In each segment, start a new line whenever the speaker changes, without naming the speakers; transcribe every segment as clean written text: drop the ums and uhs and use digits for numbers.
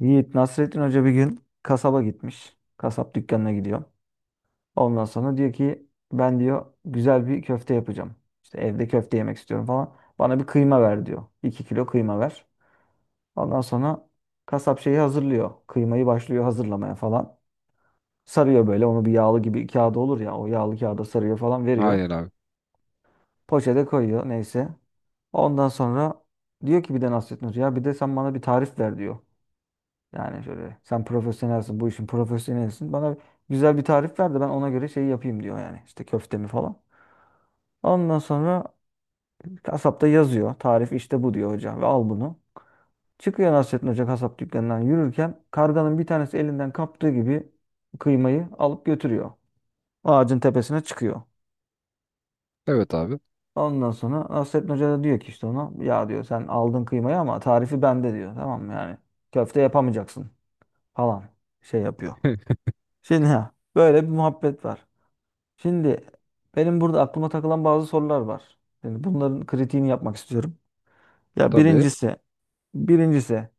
Yiğit Nasrettin Hoca bir gün kasaba gitmiş. Kasap dükkanına gidiyor. Ondan sonra diyor ki ben diyor güzel bir köfte yapacağım. İşte evde köfte yemek istiyorum falan. Bana bir kıyma ver diyor. 2 kilo kıyma ver. Ondan sonra kasap şeyi hazırlıyor. Kıymayı başlıyor hazırlamaya falan. Sarıyor böyle onu bir yağlı gibi kağıda olur ya, o yağlı kağıda sarıyor falan veriyor.
Aynen abi.
Poşete koyuyor neyse. Ondan sonra diyor ki bir de Nasrettin Hoca ya bir de sen bana bir tarif ver diyor. Yani şöyle sen profesyonelsin, bu işin profesyonelsin. Bana güzel bir tarif ver de ben ona göre şey yapayım diyor yani. İşte köftemi falan. Ondan sonra kasapta yazıyor. Tarif işte bu diyor hocam, ve al bunu. Çıkıyor Nasrettin Hoca kasap dükkanından yürürken karganın bir tanesi elinden kaptığı gibi kıymayı alıp götürüyor. Ağacın tepesine çıkıyor.
Evet abi.
Ondan sonra Nasrettin Hoca da diyor ki işte ona ya diyor sen aldın kıymayı ama tarifi bende diyor. Tamam mı yani, köfte yapamayacaksın falan şey yapıyor. Şimdi ha, böyle bir muhabbet var. Şimdi benim burada aklıma takılan bazı sorular var. Şimdi bunların kritiğini yapmak istiyorum. Ya
Tabii.
birincisi, birincisi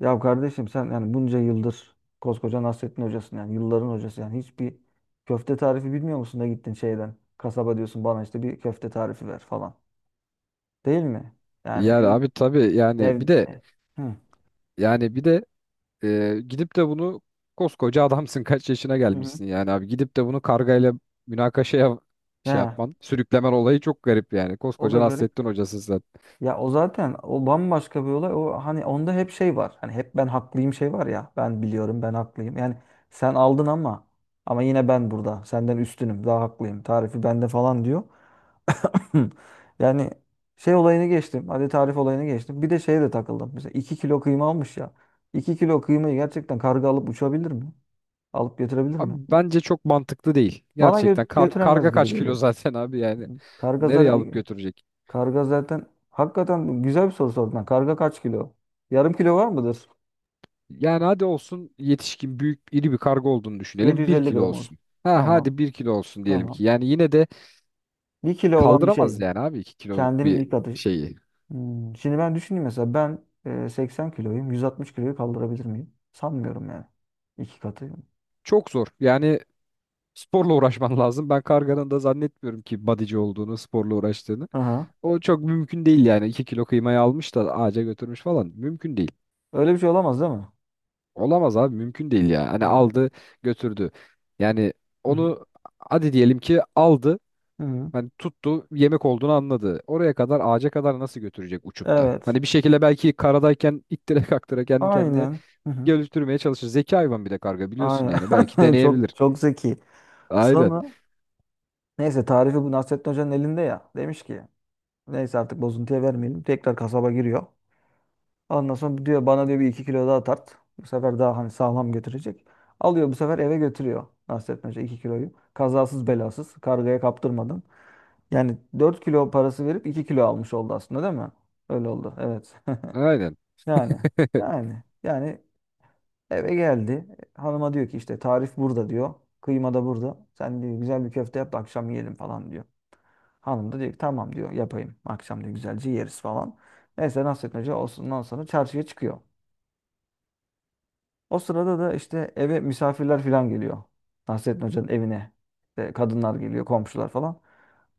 ya kardeşim sen yani bunca yıldır koskoca Nasrettin hocasın, yani yılların hocası, yani hiçbir köfte tarifi bilmiyor musun da gittin şeyden kasaba diyorsun bana işte bir köfte tarifi ver falan. Değil mi? Yani
Yani
tabii.
abi tabii yani
ev,
bir de
Hı.
yani bir de gidip de bunu koskoca adamsın kaç yaşına
Hı hı.
gelmişsin yani abi gidip de bunu kargayla münakaşaya şey
Ya,
yapman sürüklemen olayı çok garip yani
o da
koskoca
garip.
Nasrettin hocasın sen.
Ya, o zaten o bambaşka bir olay. O hani onda hep şey var. Hani hep ben haklıyım şey var ya. Ben biliyorum, ben haklıyım. Yani sen aldın ama, ama yine ben burada. Senden üstünüm. Daha haklıyım. Tarifi bende falan diyor. Yani şey olayını geçtim. Hadi tarif olayını geçtim. Bir de şeye de takıldım. Mesela 2 kilo kıyma almış ya. İki kilo kıymayı gerçekten karga alıp uçabilir mi? Alıp götürebilir mi?
Abi bence çok mantıklı değil.
Bana
Gerçekten kar
götüremez
karga
gibi
kaç kilo
geliyor.
zaten abi yani
Karga
nereye alıp
zaten
götürecek?
Karga zaten hakikaten güzel bir soru sordun. Ha. Karga kaç kilo? Yarım kilo var mıdır?
Yani hadi olsun yetişkin büyük iri bir karga olduğunu düşünelim bir
750
kilo
gram olsun.
olsun. Ha
Tamam.
hadi 1 kilo olsun diyelim ki
Tamam.
yani yine de
1 kilo olan bir
kaldıramaz
şey.
yani abi 2 kiloluk
Kendinin
bir
ilk atışı.
şeyi.
Şimdi ben düşüneyim, mesela ben 80 kiloyum. 160 kiloyu kaldırabilir miyim? Sanmıyorum yani. İki katı.
Çok zor. Yani sporla uğraşman lazım. Ben karganın da zannetmiyorum ki bodyci olduğunu, sporla uğraştığını.
Aha.
O çok mümkün değil yani. 2 kilo kıymayı almış da ağaca götürmüş falan. Mümkün değil.
Öyle bir şey olamaz değil mi?
Olamaz abi mümkün değil ya. Hani
Evet.
aldı götürdü. Yani
Hı hı.
onu hadi diyelim ki aldı.
Hı hı.
Hani tuttu yemek olduğunu anladı. Oraya kadar ağaca kadar nasıl götürecek uçup da?
Evet.
Hani bir şekilde belki karadayken ittire kaktıra kendi kendine
Aynen. Hı hı.
geliştirmeye çalışır. Zeki hayvan bir de karga biliyorsun yani. Belki
Aynen.
deneyebilir.
Çok çok zeki.
Aynen.
Sonra neyse tarifi bu Nasrettin Hoca'nın elinde ya. Demiş ki neyse artık bozuntuya vermeyelim. Tekrar kasaba giriyor. Ondan sonra diyor bana diyor bir iki kilo daha tart. Bu sefer daha hani sağlam götürecek. Alıyor bu sefer eve götürüyor Nasrettin Hoca, 2 kiloyu. Kazasız belasız kargaya kaptırmadan. Yani 4 kilo parası verip 2 kilo almış oldu aslında değil mi? Öyle oldu evet.
Aynen.
Yani Yani eve geldi. Hanıma diyor ki işte tarif burada diyor. Kıyma da burada. Sen diyor güzel bir köfte yap da akşam yiyelim falan diyor. Hanım da diyor ki tamam diyor yapayım. Akşam diyor güzelce yeriz falan. Neyse nasıl Hoca, ondan sonra çarşıya çıkıyor. O sırada da işte eve misafirler falan geliyor. Nasrettin Hoca'nın evine. İşte kadınlar geliyor, komşular falan.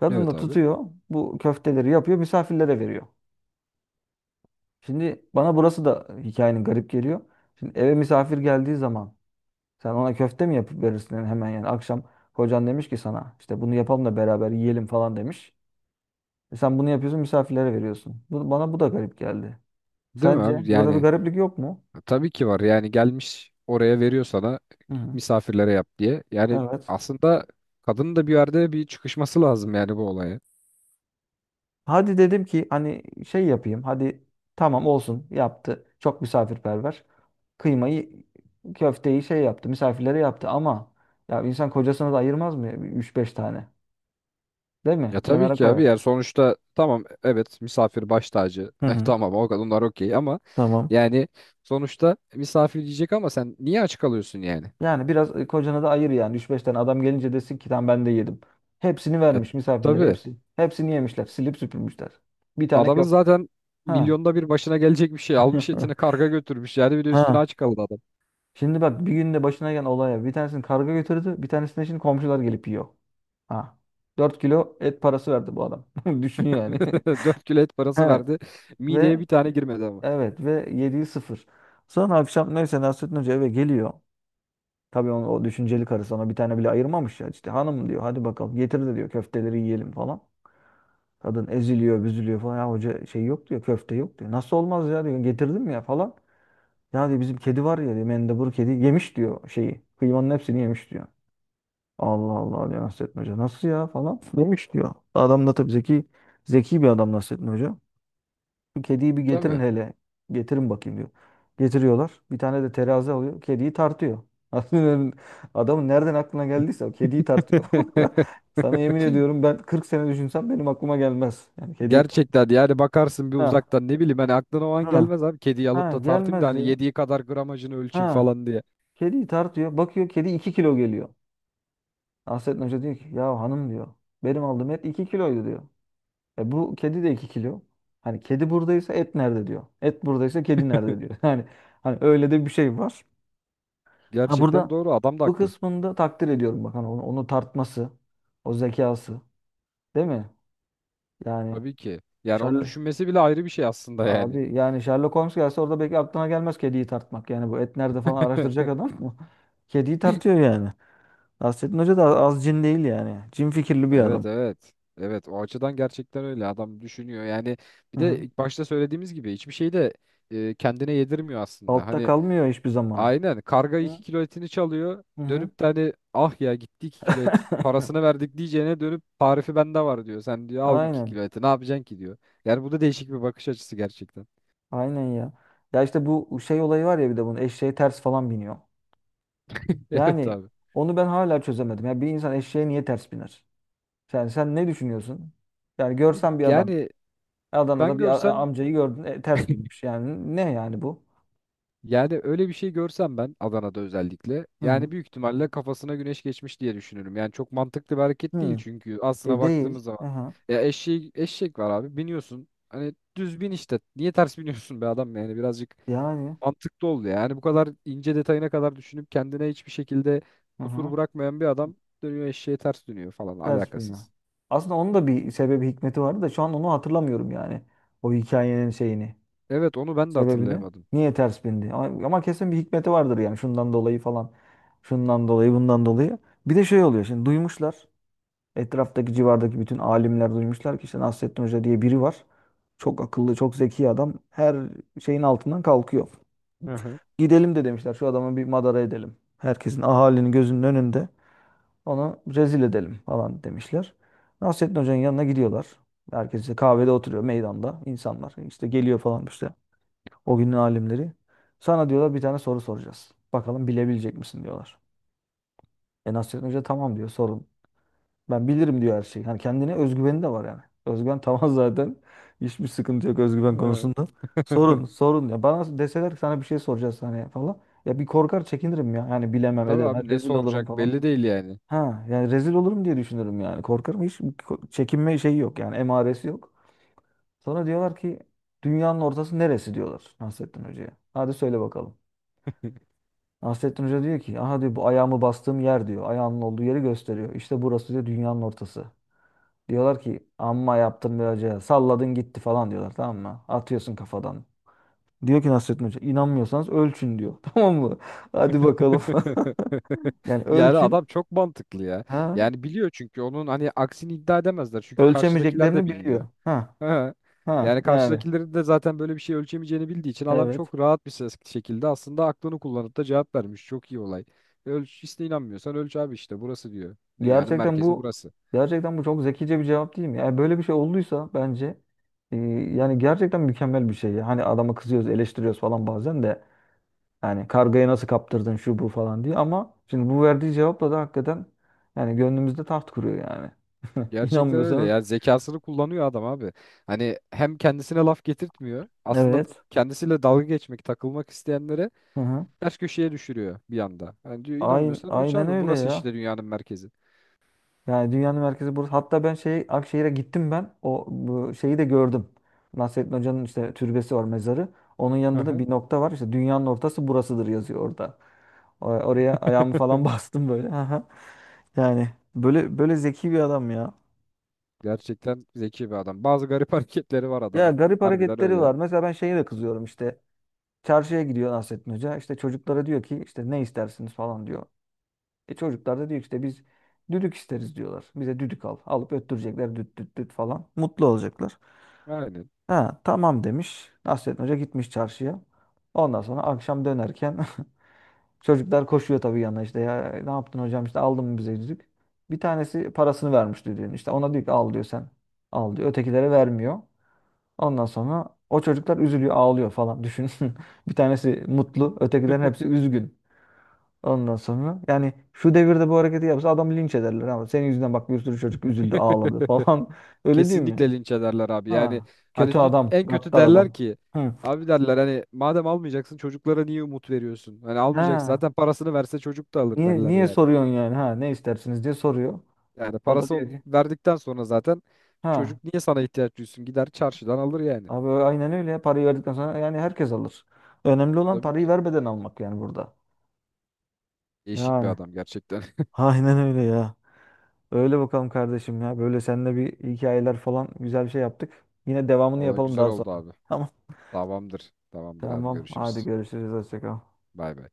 Kadın
Evet
da
abi.
tutuyor bu köfteleri yapıyor, misafirlere veriyor. Şimdi bana burası da hikayenin garip geliyor. Şimdi eve misafir geldiği zaman sen ona köfte mi yapıp verirsin? Yani hemen, yani akşam kocan demiş ki sana işte bunu yapalım da beraber yiyelim falan demiş. E sen bunu yapıyorsun, misafirlere veriyorsun. Bu, bana bu da garip geldi.
Değil mi
Sence
abi?
burada bir
Yani
gariplik yok mu?
tabii ki var. Yani gelmiş oraya veriyor sana
Hı hı.
misafirlere yap diye. Yani
Evet.
aslında kadının da bir yerde bir çıkışması lazım yani bu olaya.
Hadi dedim ki hani şey yapayım. Hadi tamam olsun, yaptı. Çok misafirperver. Kıymayı, köfteyi şey yaptı. Misafirlere yaptı ama ya insan kocasına da ayırmaz mı? 3-5 tane. Değil mi?
Ya tabii
Kenara
ki abi.
koyar.
Yani sonuçta tamam evet misafir baş tacı.
Hı
Eh,
hı.
tamam o kadınlar okey ama
Tamam.
yani sonuçta misafir diyecek ama sen niye aç kalıyorsun yani?
Yani biraz kocana da ayır yani. Üç 5 tane adam gelince desin ki tamam ben de yedim. Hepsini
Ya,
vermiş misafirler
tabii.
hepsi. Hepsini yemişler. Silip süpürmüşler. Bir tane
Adamın
köfte.
zaten
Ha.
milyonda bir başına gelecek bir şey. Almış etini karga götürmüş. Yani bir de üstüne
Ha.
aç kaldı adam.
Şimdi bak bir günde başına gelen olaya, bir tanesini karga götürdü, bir tanesini şimdi komşular gelip yiyor. Ha. 4 kilo et parası verdi bu adam. Düşün yani.
4 kilo et parası
He.
verdi. Mideye bir
Ve
tane girmedi ama.
evet, ve yediği sıfır. Sonra akşam neyse Nasrettin Hoca eve geliyor. Tabii onun, o düşünceli karısı, ona bir tane bile ayırmamış ya. İşte hanım diyor hadi bakalım getir de diyor köfteleri yiyelim falan. Kadın eziliyor büzülüyor falan. Ya hoca şey yok diyor, köfte yok diyor. Nasıl olmaz ya diyor, getirdim ya falan. Ya diyor bizim kedi var ya diyor, mendebur kedi yemiş diyor şeyi. Kıymanın hepsini yemiş diyor. Allah Allah diyor Nasrettin Hoca. Nasıl ya falan. Yemiş diyor. Adam da tabii zeki, bir adam Nasrettin Hoca. Bu kediyi bir
Tabii.
getirin hele. Getirin bakayım diyor. Getiriyorlar. Bir tane de terazi alıyor. Kediyi tartıyor. Aslında adamın nereden aklına geldiyse, o kediyi tartıyor. Sana yemin ediyorum ben 40 sene düşünsem benim aklıma gelmez. Yani kediyi
Gerçekten yani bakarsın bir
ha
uzaktan ne bileyim hani aklına o an
ha
gelmez abi. Kediyi
ha
alıp da tartayım da
gelmez
hani
diyor.
yediği kadar gramajını ölçeyim
Ha,
falan diye.
kediyi tartıyor. Bakıyor kedi 2 kilo geliyor. Nasrettin Hoca diyor ki ya hanım diyor benim aldığım et 2 kiloydu diyor. E bu kedi de 2 kilo. Hani kedi buradaysa et nerede diyor. Et buradaysa kedi nerede diyor. Yani hani öyle de bir şey var. Ha
Gerçekten
burada,
doğru adam da
bu
haklı.
kısmında takdir ediyorum bak hani onu tartması, o zekası, değil mi? Yani
Tabii ki. Yani onu
Sherlock
düşünmesi bile ayrı bir şey aslında yani.
abi yani Sherlock Holmes gelse orada belki aklına gelmez kediyi tartmak. Yani bu et nerede falan araştıracak adam mı? Kediyi tartıyor yani. Nasrettin Hoca da az cin değil yani. Cin fikirli bir
Evet
adam.
evet. Evet o açıdan gerçekten öyle adam düşünüyor. Yani bir
Hı
de
hı.
ilk başta söylediğimiz gibi hiçbir şey de kendine yedirmiyor aslında.
Altta
Hani
kalmıyor hiçbir zaman.
aynen karga
Hı?
2 kilo etini çalıyor.
Hı hı.
Dönüp de hani ah ya gitti 2 kilo et parasını verdik diyeceğine dönüp tarifi bende var diyor. Sen diyor al 2
Aynen.
kilo eti ne yapacaksın ki diyor. Yani bu da değişik bir bakış açısı gerçekten.
Aynen ya. Ya işte bu şey olayı var ya, bir de bunun eşeğe ters falan biniyor.
Evet
Yani
abi.
onu ben hala çözemedim. Ya bir insan eşeğe niye ters biner? Yani sen ne düşünüyorsun? Yani
Abi
görsen bir adam
yani ben
Adana'da, bir
görsem
amcayı gördün ters binmiş. Yani ne yani bu?
yani öyle bir şey görsem ben Adana'da özellikle
Hı
yani
hı.
büyük ihtimalle kafasına güneş geçmiş diye düşünürüm. Yani çok mantıklı bir hareket değil
Hı.
çünkü aslına
E
baktığımız
değil.
zaman
Aha.
ya eşeği, eşek var abi biniyorsun hani düz bin işte niye ters biniyorsun be adam yani birazcık
Yani
mantıklı oldu ya. Yani bu kadar ince detayına kadar düşünüp kendine hiçbir şekilde
hı
kusur
hı.
bırakmayan bir adam dönüyor eşeğe ters dönüyor falan
Ters biniyor.
alakasız.
Aslında onun da bir sebebi hikmeti vardı da şu an onu hatırlamıyorum yani. O hikayenin şeyini.
Evet onu ben de
Sebebini?
hatırlayamadım.
Niye ters bindi? Ama, ama kesin bir hikmeti vardır yani, şundan dolayı falan. Şundan dolayı, bundan dolayı. Bir de şey oluyor, şimdi duymuşlar. Etraftaki civardaki bütün alimler duymuşlar ki işte Nasrettin Hoca diye biri var. Çok akıllı, çok zeki adam. Her şeyin altından kalkıyor.
Hı hı.
Gidelim de demişler şu adamı bir madara edelim. Herkesin, ahalinin gözünün önünde onu rezil edelim falan demişler. Nasrettin Hoca'nın yanına gidiyorlar. Herkes işte kahvede oturuyor meydanda insanlar. İşte geliyor falan, İşte o günün alimleri. Sana diyorlar bir tane soru soracağız. Bakalım bilebilecek misin diyorlar. E Nasrettin Hoca tamam diyor sorun. Ben bilirim diyor her şeyi. Hani kendine özgüveni de var yani. Özgüven tamam zaten. Hiçbir sıkıntı yok özgüven
Hı.
konusunda. Sorun sorun ya. Bana deseler ki sana bir şey soracağız hani falan. Ya bir korkar çekinirim ya. Yani bilemem
Tabii
edemem.
abi ne
Rezil olurum
soracak
falan.
belli değil yani.
Ha yani rezil olurum diye düşünürüm yani. Korkarım, hiç çekinme şeyi yok yani, emaresi yok. Sonra diyorlar ki dünyanın ortası neresi diyorlar Nasrettin Hoca'ya. Hadi söyle bakalım. Nasrettin Hoca diyor ki aha diyor bu ayağımı bastığım yer diyor. Ayağımın olduğu yeri gösteriyor. İşte burası diyor dünyanın ortası. Diyorlar ki amma yaptın be hoca, salladın gitti falan diyorlar tamam mı? Atıyorsun kafadan. Diyor ki Nasrettin Hoca inanmıyorsanız ölçün diyor. Tamam mı? Hadi bakalım. Yani
Yani
ölçün.
adam çok mantıklı ya.
Ha?
Yani biliyor çünkü onun hani aksini iddia edemezler. Çünkü karşıdakiler de
Ölçemeyeceklerini
bilmiyor.
biliyor. Ha.
Ha.
Ha.
Yani
Yani.
karşıdakilerin de zaten böyle bir şey ölçemeyeceğini bildiği için adam
Evet.
çok rahat bir ses şekilde aslında aklını kullanıp da cevap vermiş. Çok iyi olay. Ölç işte inanmıyorsan ölç abi işte burası diyor. Dünyanın
Gerçekten
merkezi
bu
burası.
Gerçekten bu çok zekice bir cevap değil mi? Yani böyle bir şey olduysa bence yani gerçekten mükemmel bir şey. Hani adama kızıyoruz, eleştiriyoruz falan bazen de, yani kargayı nasıl kaptırdın şu bu falan diye, ama şimdi bu verdiği cevapla da hakikaten yani gönlümüzde taht kuruyor yani.
Gerçekten öyle
İnanmıyorsanız
ya. Zekasını kullanıyor adam abi. Hani hem kendisine laf getirtmiyor. Aslında
evet.
kendisiyle dalga geçmek, takılmak isteyenlere
Hı hı.
ters köşeye düşürüyor bir anda. Yani diyor inanmıyorsan ölç
Aynen,
abi
öyle
burası
ya.
işte dünyanın merkezi.
Yani dünyanın merkezi burası. Hatta ben şey Akşehir'e gittim ben. O bu şeyi de gördüm. Nasrettin Hoca'nın işte türbesi var, mezarı. Onun
Hı
yanında da
hı.
bir nokta var. İşte dünyanın ortası burasıdır yazıyor orada. Oraya ayağımı falan bastım böyle. Aha. Yani böyle böyle zeki bir adam ya.
Gerçekten zeki bir adam. Bazı garip hareketleri var
Ya
adamın.
garip
Harbiden
hareketleri
öyle.
var. Mesela ben şeye de kızıyorum işte. Çarşıya gidiyor Nasrettin Hoca. İşte çocuklara diyor ki işte ne istersiniz falan diyor. E çocuklar da diyor ki işte biz düdük isteriz diyorlar. Bize düdük al. Alıp öttürecekler düt düt düt falan. Mutlu olacaklar.
Aynen.
Ha, tamam demiş. Nasrettin Hoca gitmiş çarşıya. Ondan sonra akşam dönerken çocuklar koşuyor tabii yanına işte ya ne yaptın hocam işte aldın mı bize yüzük? Bir tanesi parasını vermiş düdüğün, işte ona diyor ki al diyor. Ötekilere vermiyor. Ondan sonra o çocuklar üzülüyor ağlıyor falan, düşün. Bir tanesi mutlu, ötekilerin hepsi üzgün. Ondan sonra yani şu devirde bu hareketi yapsa adamı linç ederler, ama senin yüzünden bak bir sürü çocuk üzüldü ağladı falan, öyle değil mi?
Kesinlikle linç ederler abi. Yani
Ha,
hani
kötü adam,
en kötü
gaddar
derler
adam.
ki
Hı.
abi derler hani madem almayacaksın çocuklara niye umut veriyorsun? Hani almayacak
Ha,
zaten parasını verse çocuk da alır
niye
derler
niye
yani.
soruyorsun yani? Ha, ne istersiniz diye soruyor.
Yani
O da
parası
diyor ki,
verdikten sonra zaten
ha,
çocuk niye sana ihtiyaç duysun? Gider çarşıdan alır yani.
abi aynen öyle ya. Parayı verdikten sonra yani herkes alır. Önemli olan
Tabii
parayı
ki.
vermeden almak yani burada.
Değişik bir
Yani.
adam gerçekten.
Aynen öyle ya. Öyle bakalım kardeşim ya. Böyle seninle bir hikayeler falan güzel bir şey yaptık. Yine devamını
Valla
yapalım
güzel
daha sonra.
oldu abi.
Tamam.
Tamamdır. Tamamdır abi
Tamam. Hadi
görüşürüz.
görüşürüz. Hoşça kal.
Bay bay.